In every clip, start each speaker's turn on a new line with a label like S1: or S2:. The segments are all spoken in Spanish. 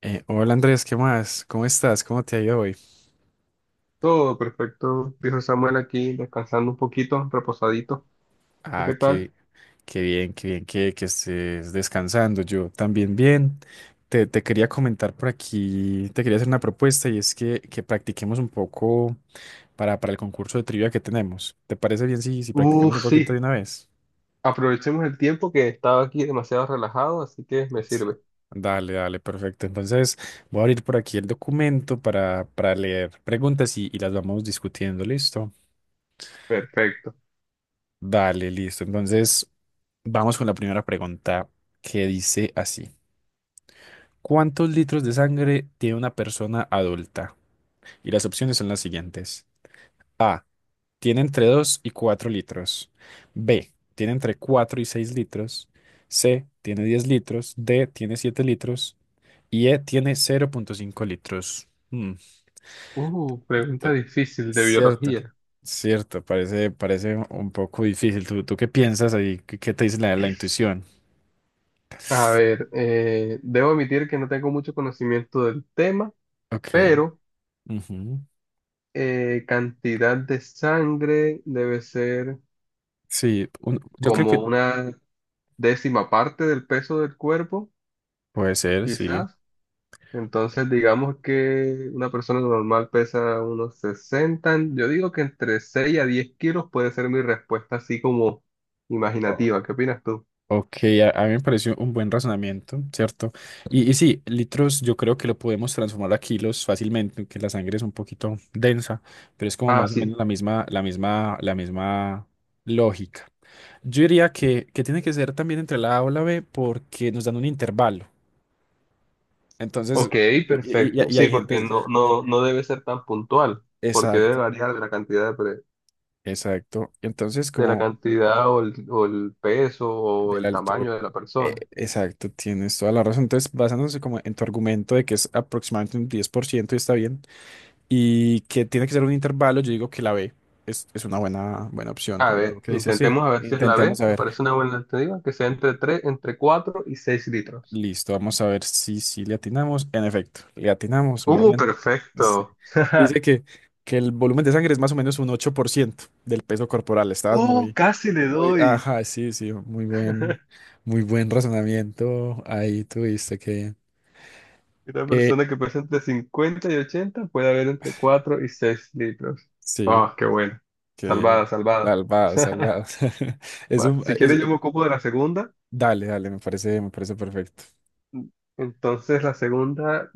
S1: Hola Andrés, ¿qué más? ¿Cómo estás? ¿Cómo te ha ido hoy?
S2: Todo perfecto, dijo Samuel aquí, descansando un poquito, reposadito. ¿Y
S1: Ah,
S2: qué tal?
S1: qué, ¡Qué bien, qué bien que estés descansando! Yo también bien. Te quería comentar por aquí, te quería hacer una propuesta y es que, practiquemos un poco para el concurso de trivia que tenemos. ¿Te parece bien si
S2: Uh,
S1: practicamos un poquito de
S2: sí,
S1: una vez?
S2: aprovechemos el tiempo que estaba aquí demasiado relajado, así que me
S1: Sí.
S2: sirve.
S1: Dale, dale, perfecto. Entonces voy a abrir por aquí el documento para leer preguntas y las vamos discutiendo, ¿listo?
S2: Perfecto.
S1: Dale, listo. Entonces, vamos con la primera pregunta que dice así. ¿Cuántos litros de sangre tiene una persona adulta? Y las opciones son las siguientes. A. Tiene entre 2 y 4 litros. B. Tiene entre 4 y 6 litros. C. Tiene 10 litros. D. Tiene 7 litros. Y E. Tiene 0,5 litros. Mm. t-
S2: Pregunta difícil de
S1: Cierto.
S2: biología.
S1: Cierto, parece, parece un poco difícil. Tú qué piensas ahí? Qué te dice la la intuición?
S2: A ver, debo admitir que no tengo mucho conocimiento del tema,
S1: Ok.
S2: pero
S1: Ujú.
S2: cantidad de sangre debe ser
S1: Sí, yo creo
S2: como
S1: que
S2: una décima parte del peso del cuerpo,
S1: puede ser, sí.
S2: quizás. Entonces, digamos que una persona normal pesa unos sesenta, yo digo que entre 6 a 10 kilos puede ser mi respuesta así como
S1: O-
S2: imaginativa. ¿Qué opinas tú?
S1: Ok, a mí me pareció un buen razonamiento, ¿cierto? Y sí, litros yo creo que lo podemos transformar a kilos fácilmente, aunque la sangre es un poquito densa, pero es como
S2: Ah,
S1: más o menos
S2: sí.
S1: la misma, la misma, la misma lógica. Yo diría que tiene que ser también entre la A o la B porque nos dan un intervalo. Entonces,
S2: Ok,
S1: y, y-
S2: perfecto.
S1: y
S2: Sí,
S1: hay gente...
S2: porque no debe ser tan puntual, porque debe
S1: Exacto,
S2: variar de la cantidad de,
S1: exacto. Entonces,
S2: de la
S1: como...
S2: cantidad o o el peso
S1: De
S2: o
S1: la
S2: el
S1: altura.
S2: tamaño de la persona.
S1: Exacto, tienes toda la razón. Entonces, basándose como en tu argumento de que es aproximadamente un 10% y está bien, y que tiene que ser un intervalo, yo digo que la B es una buena, buena opción.
S2: A
S1: ¿O tú
S2: ver,
S1: qué dices? Sí,
S2: intentemos a ver si es la
S1: intentemos
S2: B.
S1: a
S2: Me
S1: ver.
S2: parece una buena alternativa, que sea entre 4 y 6 litros.
S1: Listo, vamos a ver si le atinamos. En efecto, le atinamos, muy bien. Sí.
S2: Perfecto.
S1: Dice que el volumen de sangre es más o menos un 8% del peso corporal. Estabas
S2: Oh,
S1: muy,
S2: casi le
S1: muy,
S2: doy.
S1: ajá, sí, sí, muy buen razonamiento. Ahí tuviste que...
S2: Una
S1: Eh,
S2: persona que pesa entre 50 y 80 puede haber entre 4 y 6 litros.
S1: sí,
S2: Oh, qué bueno.
S1: que
S2: Salvada, salvada.
S1: salvado, salvado. Es
S2: Va,
S1: un,
S2: si
S1: es,
S2: quieres, yo me ocupo de la segunda.
S1: dale, dale, me parece perfecto.
S2: Entonces, la segunda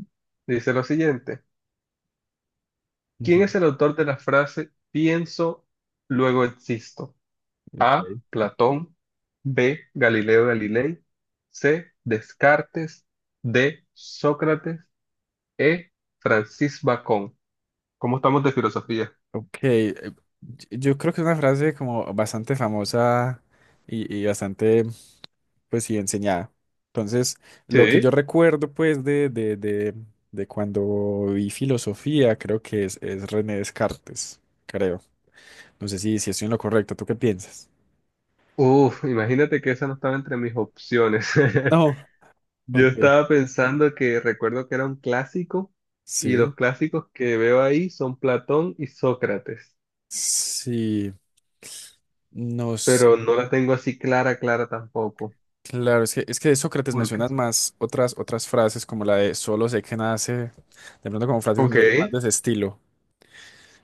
S2: dice lo siguiente. ¿Quién
S1: Ujú.
S2: es el autor de la frase pienso, luego existo? A.
S1: Ok,
S2: Platón. B. Galileo Galilei. C. Descartes. D. Sócrates. E. Francis Bacon. ¿Cómo estamos de filosofía?
S1: ok. Yo creo que es una frase como bastante famosa y bastante, pues sí, enseñada. Entonces, lo que yo
S2: Sí.
S1: recuerdo, pues, de cuando vi filosofía, creo que es René Descartes, creo. No sé si estoy en lo correcto, ¿tú qué piensas?
S2: Uf, imagínate que esa no estaba entre mis opciones.
S1: No.
S2: Yo
S1: Ok.
S2: estaba pensando que recuerdo que era un clásico, y
S1: Sí,
S2: los clásicos que veo ahí son Platón y Sócrates,
S1: sí. Nos
S2: pero no la tengo así clara tampoco.
S1: claro, es que de Sócrates me
S2: Porque,
S1: suenan más otras, otras frases como la de solo sé que nada sé, de pronto como frases
S2: ok,
S1: más de ese estilo.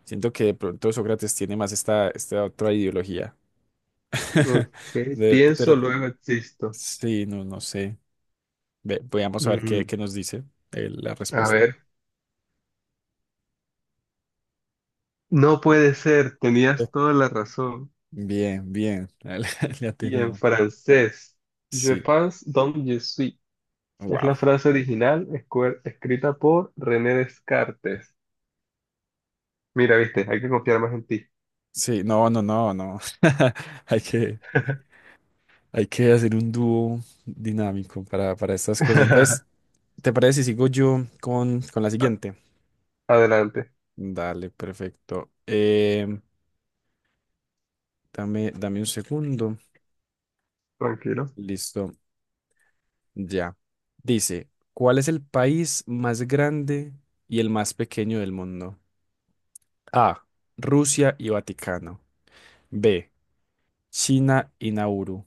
S1: Siento que de pronto Sócrates tiene más esta, esta otra ideología.
S2: ok, pienso,
S1: Pero
S2: luego existo.
S1: sí, no, no sé. Veamos a ver
S2: Mm,
S1: qué, qué nos dice la
S2: a
S1: respuesta.
S2: ver, no puede ser,
S1: Eh,
S2: tenías toda la razón.
S1: Bien, bien, le
S2: Y en
S1: atinamos.
S2: francés, je
S1: Sí,
S2: pense donc je suis. Es
S1: wow.
S2: la frase original escrita por René Descartes. Mira, viste, hay que confiar más en ti.
S1: Sí, no, no, no, no. Hay que, hay que hacer un dúo dinámico para estas cosas.
S2: A-
S1: Entonces, ¿te parece si sigo yo con la siguiente?
S2: Adelante,
S1: Dale, perfecto. Dame, dame un segundo.
S2: tranquilo.
S1: Listo, ya. Dice, ¿cuál es el país más grande y el más pequeño del mundo? A, Rusia y Vaticano. B, China y Nauru.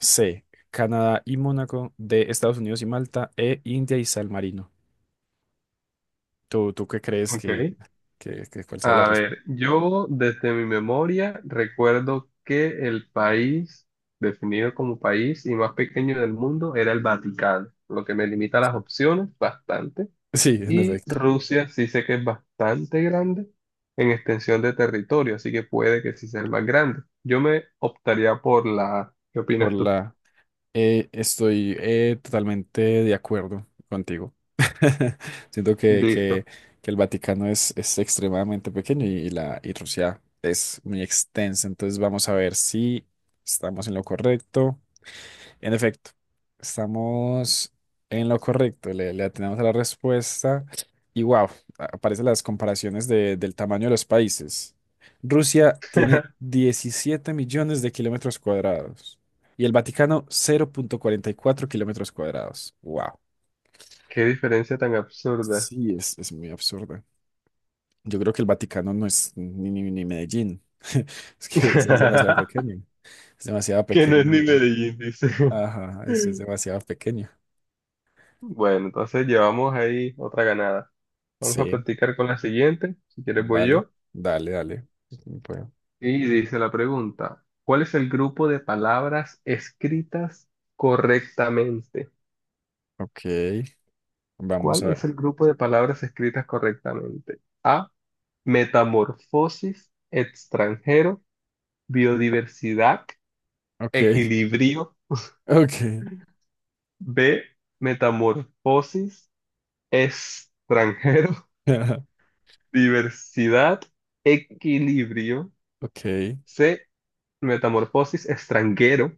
S1: C, Canadá y Mónaco. D, Estados Unidos y Malta. E, India y San Marino. Tú qué crees
S2: Ok.
S1: que cuál sea la
S2: A
S1: respuesta?
S2: ver, yo desde mi memoria recuerdo que el país, definido como país y más pequeño del mundo, era el Vaticano, lo que me limita las
S1: Sí,
S2: opciones bastante.
S1: sí, en
S2: Y
S1: efecto.
S2: Rusia sí sé que es bastante grande en extensión de territorio, así que puede que sí sea el más grande. Yo me optaría por la A. ¿Qué
S1: Por
S2: opinas tú?
S1: la estoy totalmente de acuerdo contigo. Siento
S2: Listo.
S1: que el Vaticano es extremadamente pequeño y Rusia es muy extensa. Entonces vamos a ver si estamos en lo correcto. En efecto, estamos en lo correcto, le atinamos a la respuesta y wow, aparecen las comparaciones del tamaño de los países. Rusia tiene 17 millones de kilómetros cuadrados y el Vaticano 0,44 kilómetros cuadrados. Wow.
S2: Qué diferencia tan absurda.
S1: Sí, es muy absurdo. Yo creo que el Vaticano no es ni Medellín. Es que es demasiado pequeño. Es demasiado
S2: Que no es
S1: pequeño.
S2: ni Medellín, dice.
S1: Ajá, es demasiado pequeño.
S2: Bueno, entonces llevamos ahí otra ganada. Vamos a
S1: Sí.
S2: practicar con la siguiente. Si quieres voy
S1: Dale,
S2: yo.
S1: dale, dale. Bueno,
S2: Y dice la pregunta, ¿cuál es el grupo de palabras escritas correctamente?
S1: ok, vamos
S2: ¿Cuál
S1: a
S2: es
S1: ver.
S2: el grupo de palabras escritas correctamente? A. Metamorfosis, extranjero, biodiversidad,
S1: Ok,
S2: equilibrio.
S1: ok,
S2: B. Metamorfosis, extranjero, diversidad, equilibrio.
S1: ok,
S2: C. Metamorfosis, extranjero,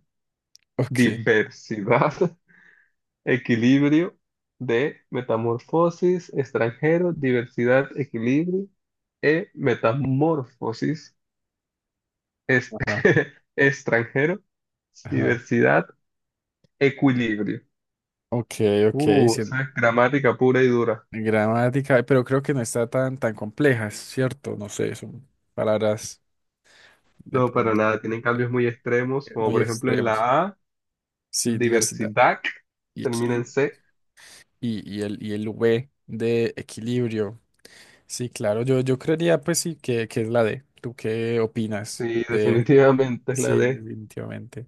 S1: ok.
S2: diversidad, equilibrio. D. Metamorfosis, extranjero, diversidad, equilibrio. E. Metamorfosis. Es,
S1: Ajá,
S2: extranjero,
S1: ajá.
S2: diversidad, equilibrio.
S1: Ok, ok,
S2: O
S1: sí,
S2: sea, es gramática pura y dura.
S1: gramática, pero creo que no está tan, tan compleja, es ¿cierto? No sé, son palabras de
S2: No, para
S1: pronto
S2: nada, tienen cambios muy extremos, como
S1: muy
S2: por ejemplo en
S1: extremos.
S2: la A,
S1: Sí, diversidad
S2: diversidad,
S1: y,
S2: termina
S1: equili-
S2: en C.
S1: y el V de equilibrio. Sí, claro, yo creería pues sí que es la D. ¿Tú qué opinas?
S2: Sí, definitivamente es la
S1: Sí,
S2: D.
S1: definitivamente.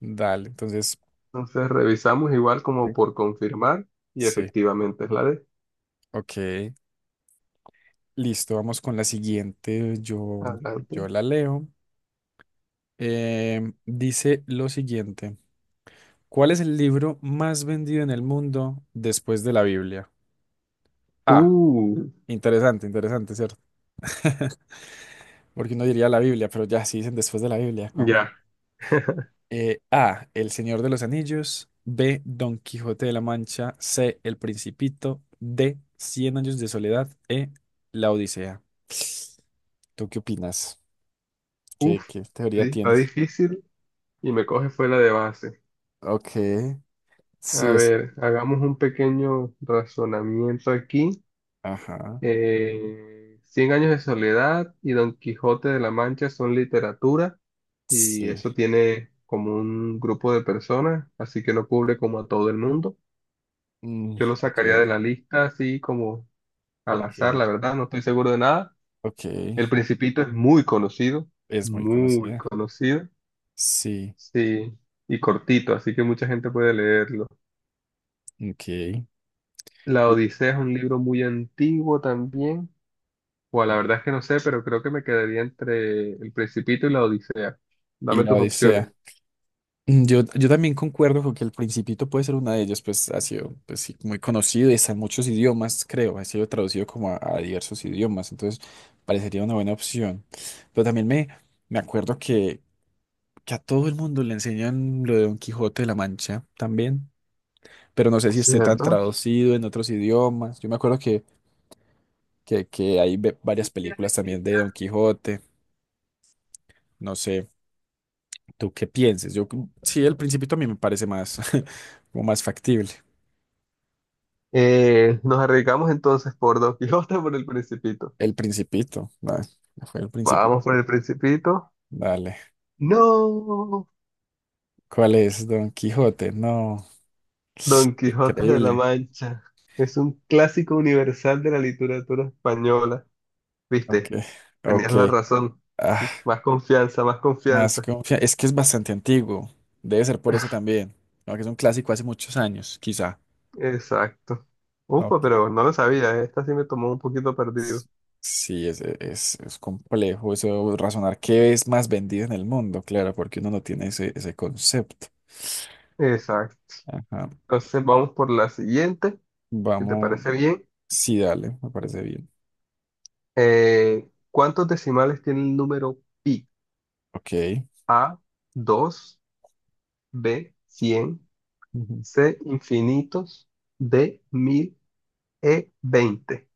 S1: Dale, entonces,
S2: Entonces revisamos igual como
S1: sí.
S2: por confirmar y
S1: Sí,
S2: efectivamente es la D.
S1: ok. Listo, vamos con la siguiente. Yo,
S2: Adelante.
S1: yo la leo. Dice lo siguiente. ¿Cuál es el libro más vendido en el mundo después de la Biblia? Ah,
S2: Uh,
S1: interesante, interesante, ¿cierto? Porque uno diría la Biblia, pero ya sí dicen después de la Biblia. ¿Cómo?
S2: ya.
S1: A, El Señor de los Anillos. B, Don Quijote de la Mancha. C, El Principito. D, Cien Años de Soledad. E, La Odisea. ¿Tú qué opinas?
S2: Uf,
S1: Qué teoría
S2: está
S1: tienes?
S2: difícil y me coge fue la de base.
S1: Ok,
S2: A
S1: sí es.
S2: ver, hagamos un pequeño razonamiento aquí.
S1: Ajá,
S2: Cien años de soledad y Don Quijote de la Mancha son literatura y
S1: sí.
S2: eso tiene como un grupo de personas, así que no cubre como a todo el mundo.
S1: Mm,
S2: Yo lo
S1: ok,
S2: sacaría de la lista así como al azar,
S1: ok,
S2: la verdad, no estoy seguro de nada. El
S1: ok.
S2: Principito es
S1: Es muy
S2: muy
S1: conocida.
S2: conocido,
S1: Sí,
S2: sí, y cortito, así que mucha gente puede leerlo.
S1: ok.
S2: La
S1: Y,
S2: Odisea es un libro muy antiguo también. Bueno, la verdad es que no sé, pero creo que me quedaría entre El Principito y La Odisea.
S1: y
S2: Dame
S1: la
S2: tus opciones.
S1: Odisea. Mm, yo también concuerdo con que El Principito puede ser una de ellas, pues ha sido pues, sí, muy conocido y está en muchos idiomas, creo. Ha sido traducido como a diversos idiomas, entonces parecería una buena opción. Pero también me acuerdo que a todo el mundo le enseñan lo de Don Quijote de la Mancha también, pero no sé si esté tan
S2: ¿Cierto?
S1: traducido en otros idiomas. Yo me acuerdo que hay varias películas también de Don Quijote. No sé, ¿tú qué pienses? Yo, sí, El Principito a mí me parece más, como más factible.
S2: Nos arriesgamos entonces por Don Quijote o por El Principito.
S1: El Principito, ah, fue El Principito.
S2: Vamos por El Principito.
S1: Dale.
S2: No,
S1: ¿Cuál es Don Quijote? No,
S2: Don Quijote de la
S1: increíble.
S2: Mancha. Es un clásico universal de la literatura española.
S1: Ok,
S2: Viste, tenías
S1: ok.
S2: la razón.
S1: Ah,
S2: Más confianza, más
S1: más
S2: confianza.
S1: es que es bastante antiguo. Debe ser por eso también. ¿No? Que es un clásico hace muchos años, quizá.
S2: Exacto. Upa,
S1: Ok.
S2: pero no lo sabía, ¿eh? Esta sí me tomó un poquito
S1: S-
S2: perdido.
S1: Sí, es complejo eso, razonar qué es más vendido en el mundo, claro, porque uno no tiene ese, ese concepto.
S2: Exacto.
S1: Ajá.
S2: Entonces vamos por la siguiente, si te
S1: Vamos.
S2: parece bien.
S1: Sí, dale, me parece bien.
S2: ¿Cuántos decimales tiene el número pi?
S1: Ok.
S2: A, 2, B, 100,
S1: Ujú.
S2: C, infinitos, D, 1000, E, 20.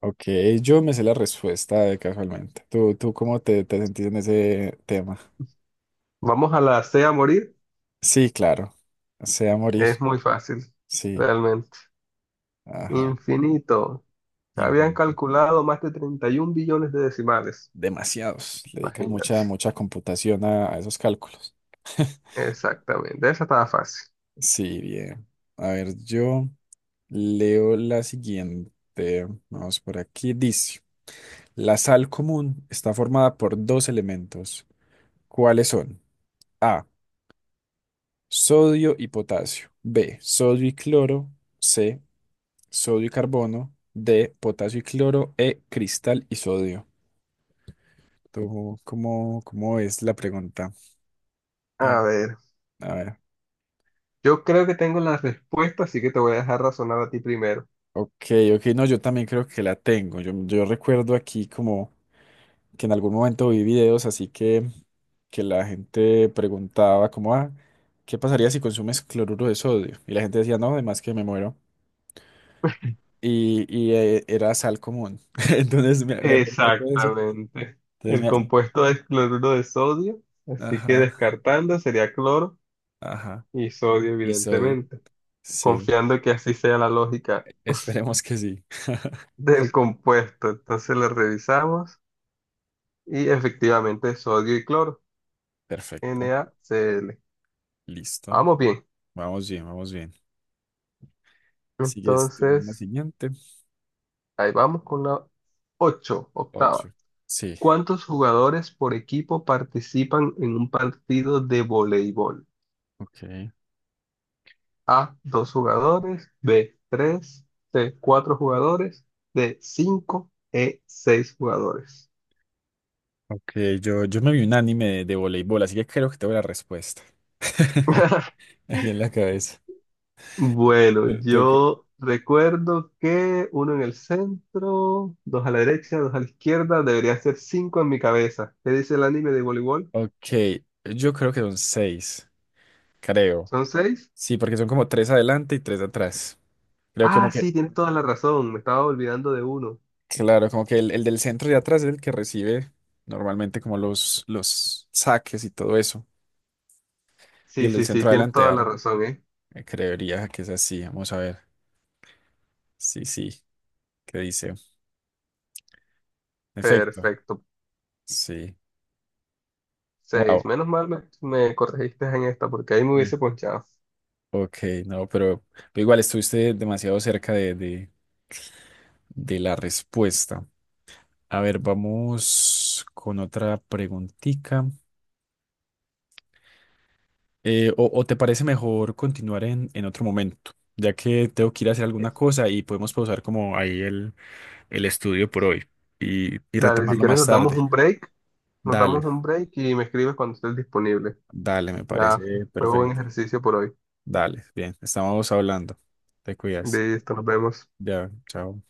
S1: Ok, yo me sé la respuesta de casualmente. Tú cómo te, te sentís en ese tema?
S2: Vamos a la C a morir.
S1: Sí, claro. Sea morir.
S2: Es muy fácil,
S1: Sí.
S2: realmente.
S1: Ajá.
S2: Infinito. Se habían calculado más de 31 billones de decimales.
S1: Demasiados. Le dedican
S2: Imagínate.
S1: mucha, mucha computación a esos cálculos.
S2: Exactamente. Esa estaba fácil.
S1: Sí, bien. A ver, yo leo la siguiente. Vamos por aquí. Dice, la sal común está formada por dos elementos. ¿Cuáles son? A, sodio y potasio. B, sodio y cloro. C, sodio y carbono. D, potasio y cloro. E, cristal y sodio. ¿Tú cómo, cómo es la pregunta?
S2: A
S1: Bien.
S2: ver,
S1: A ver.
S2: yo creo que tengo la respuesta, así que te voy a dejar razonar a ti primero.
S1: Ok, ok, no, yo también creo que la tengo. Yo recuerdo aquí como que en algún momento vi videos así que la gente preguntaba como, ah, ¿qué pasaría si consumes cloruro de sodio? Y la gente decía, no, además que me muero. Y era sal común. Entonces me acuerdo un poco de eso.
S2: Exactamente.
S1: Entonces
S2: El
S1: me...
S2: compuesto es cloruro de sodio, así que
S1: Ajá,
S2: descartando sería cloro
S1: ajá.
S2: y sodio,
S1: Y sodio.
S2: evidentemente,
S1: Sí,
S2: confiando que así sea la lógica
S1: esperemos que sí.
S2: del compuesto. Entonces lo revisamos y efectivamente es sodio y cloro,
S1: Perfecto,
S2: NaCl.
S1: listo.
S2: Vamos bien.
S1: Vamos bien, vamos bien. Sigues tú en la
S2: Entonces,
S1: siguiente.
S2: ahí vamos con la 8 octava.
S1: Ocho. Sí,
S2: ¿Cuántos jugadores por equipo participan en un partido de voleibol?
S1: ok.
S2: A, dos jugadores, B, tres, C, cuatro jugadores, D, cinco, E, seis jugadores.
S1: Ok, yo me vi un anime de voleibol, así que creo que tengo la respuesta. Aquí en la cabeza.
S2: Bueno,
S1: Te- te-
S2: yo recuerdo que uno en el centro, dos a la derecha, dos a la izquierda, debería ser cinco en mi cabeza. ¿Qué dice el anime de voleibol?
S1: Ok, yo creo que son seis, creo.
S2: ¿Son seis?
S1: Sí, porque son como tres adelante y tres atrás. Creo como
S2: Ah,
S1: que,
S2: sí, tienes toda la razón, me estaba olvidando de uno.
S1: claro, como que el del centro de atrás es el que recibe normalmente como los saques y todo eso. Y
S2: Sí,
S1: el del
S2: sí, sí,
S1: centro
S2: tienes
S1: adelante
S2: toda la
S1: arma.
S2: razón, ¿eh?
S1: Creería que es así. Vamos a ver. Sí, sí, ¿qué dice? Efecto.
S2: Perfecto,
S1: Sí.
S2: seis.
S1: Wow.
S2: Menos mal me corregiste en esta porque ahí me hubiese ponchado.
S1: Ok, no, pero igual estuviste demasiado cerca de la respuesta. A ver, vamos con otra preguntita. O, ¿o te parece mejor continuar en otro momento? Ya que tengo que ir a hacer alguna cosa y podemos pausar como ahí el estudio por hoy y
S2: Dale, si
S1: retomarlo
S2: quieres
S1: más
S2: nos damos
S1: tarde.
S2: un break, nos damos un break y me escribes cuando estés disponible.
S1: Dale, dale, me
S2: Ya,
S1: parece
S2: fue buen
S1: perfecto.
S2: ejercicio por hoy.
S1: Dale, bien, estamos hablando. Te cuidas.
S2: Listo, nos vemos.
S1: Ya, chao.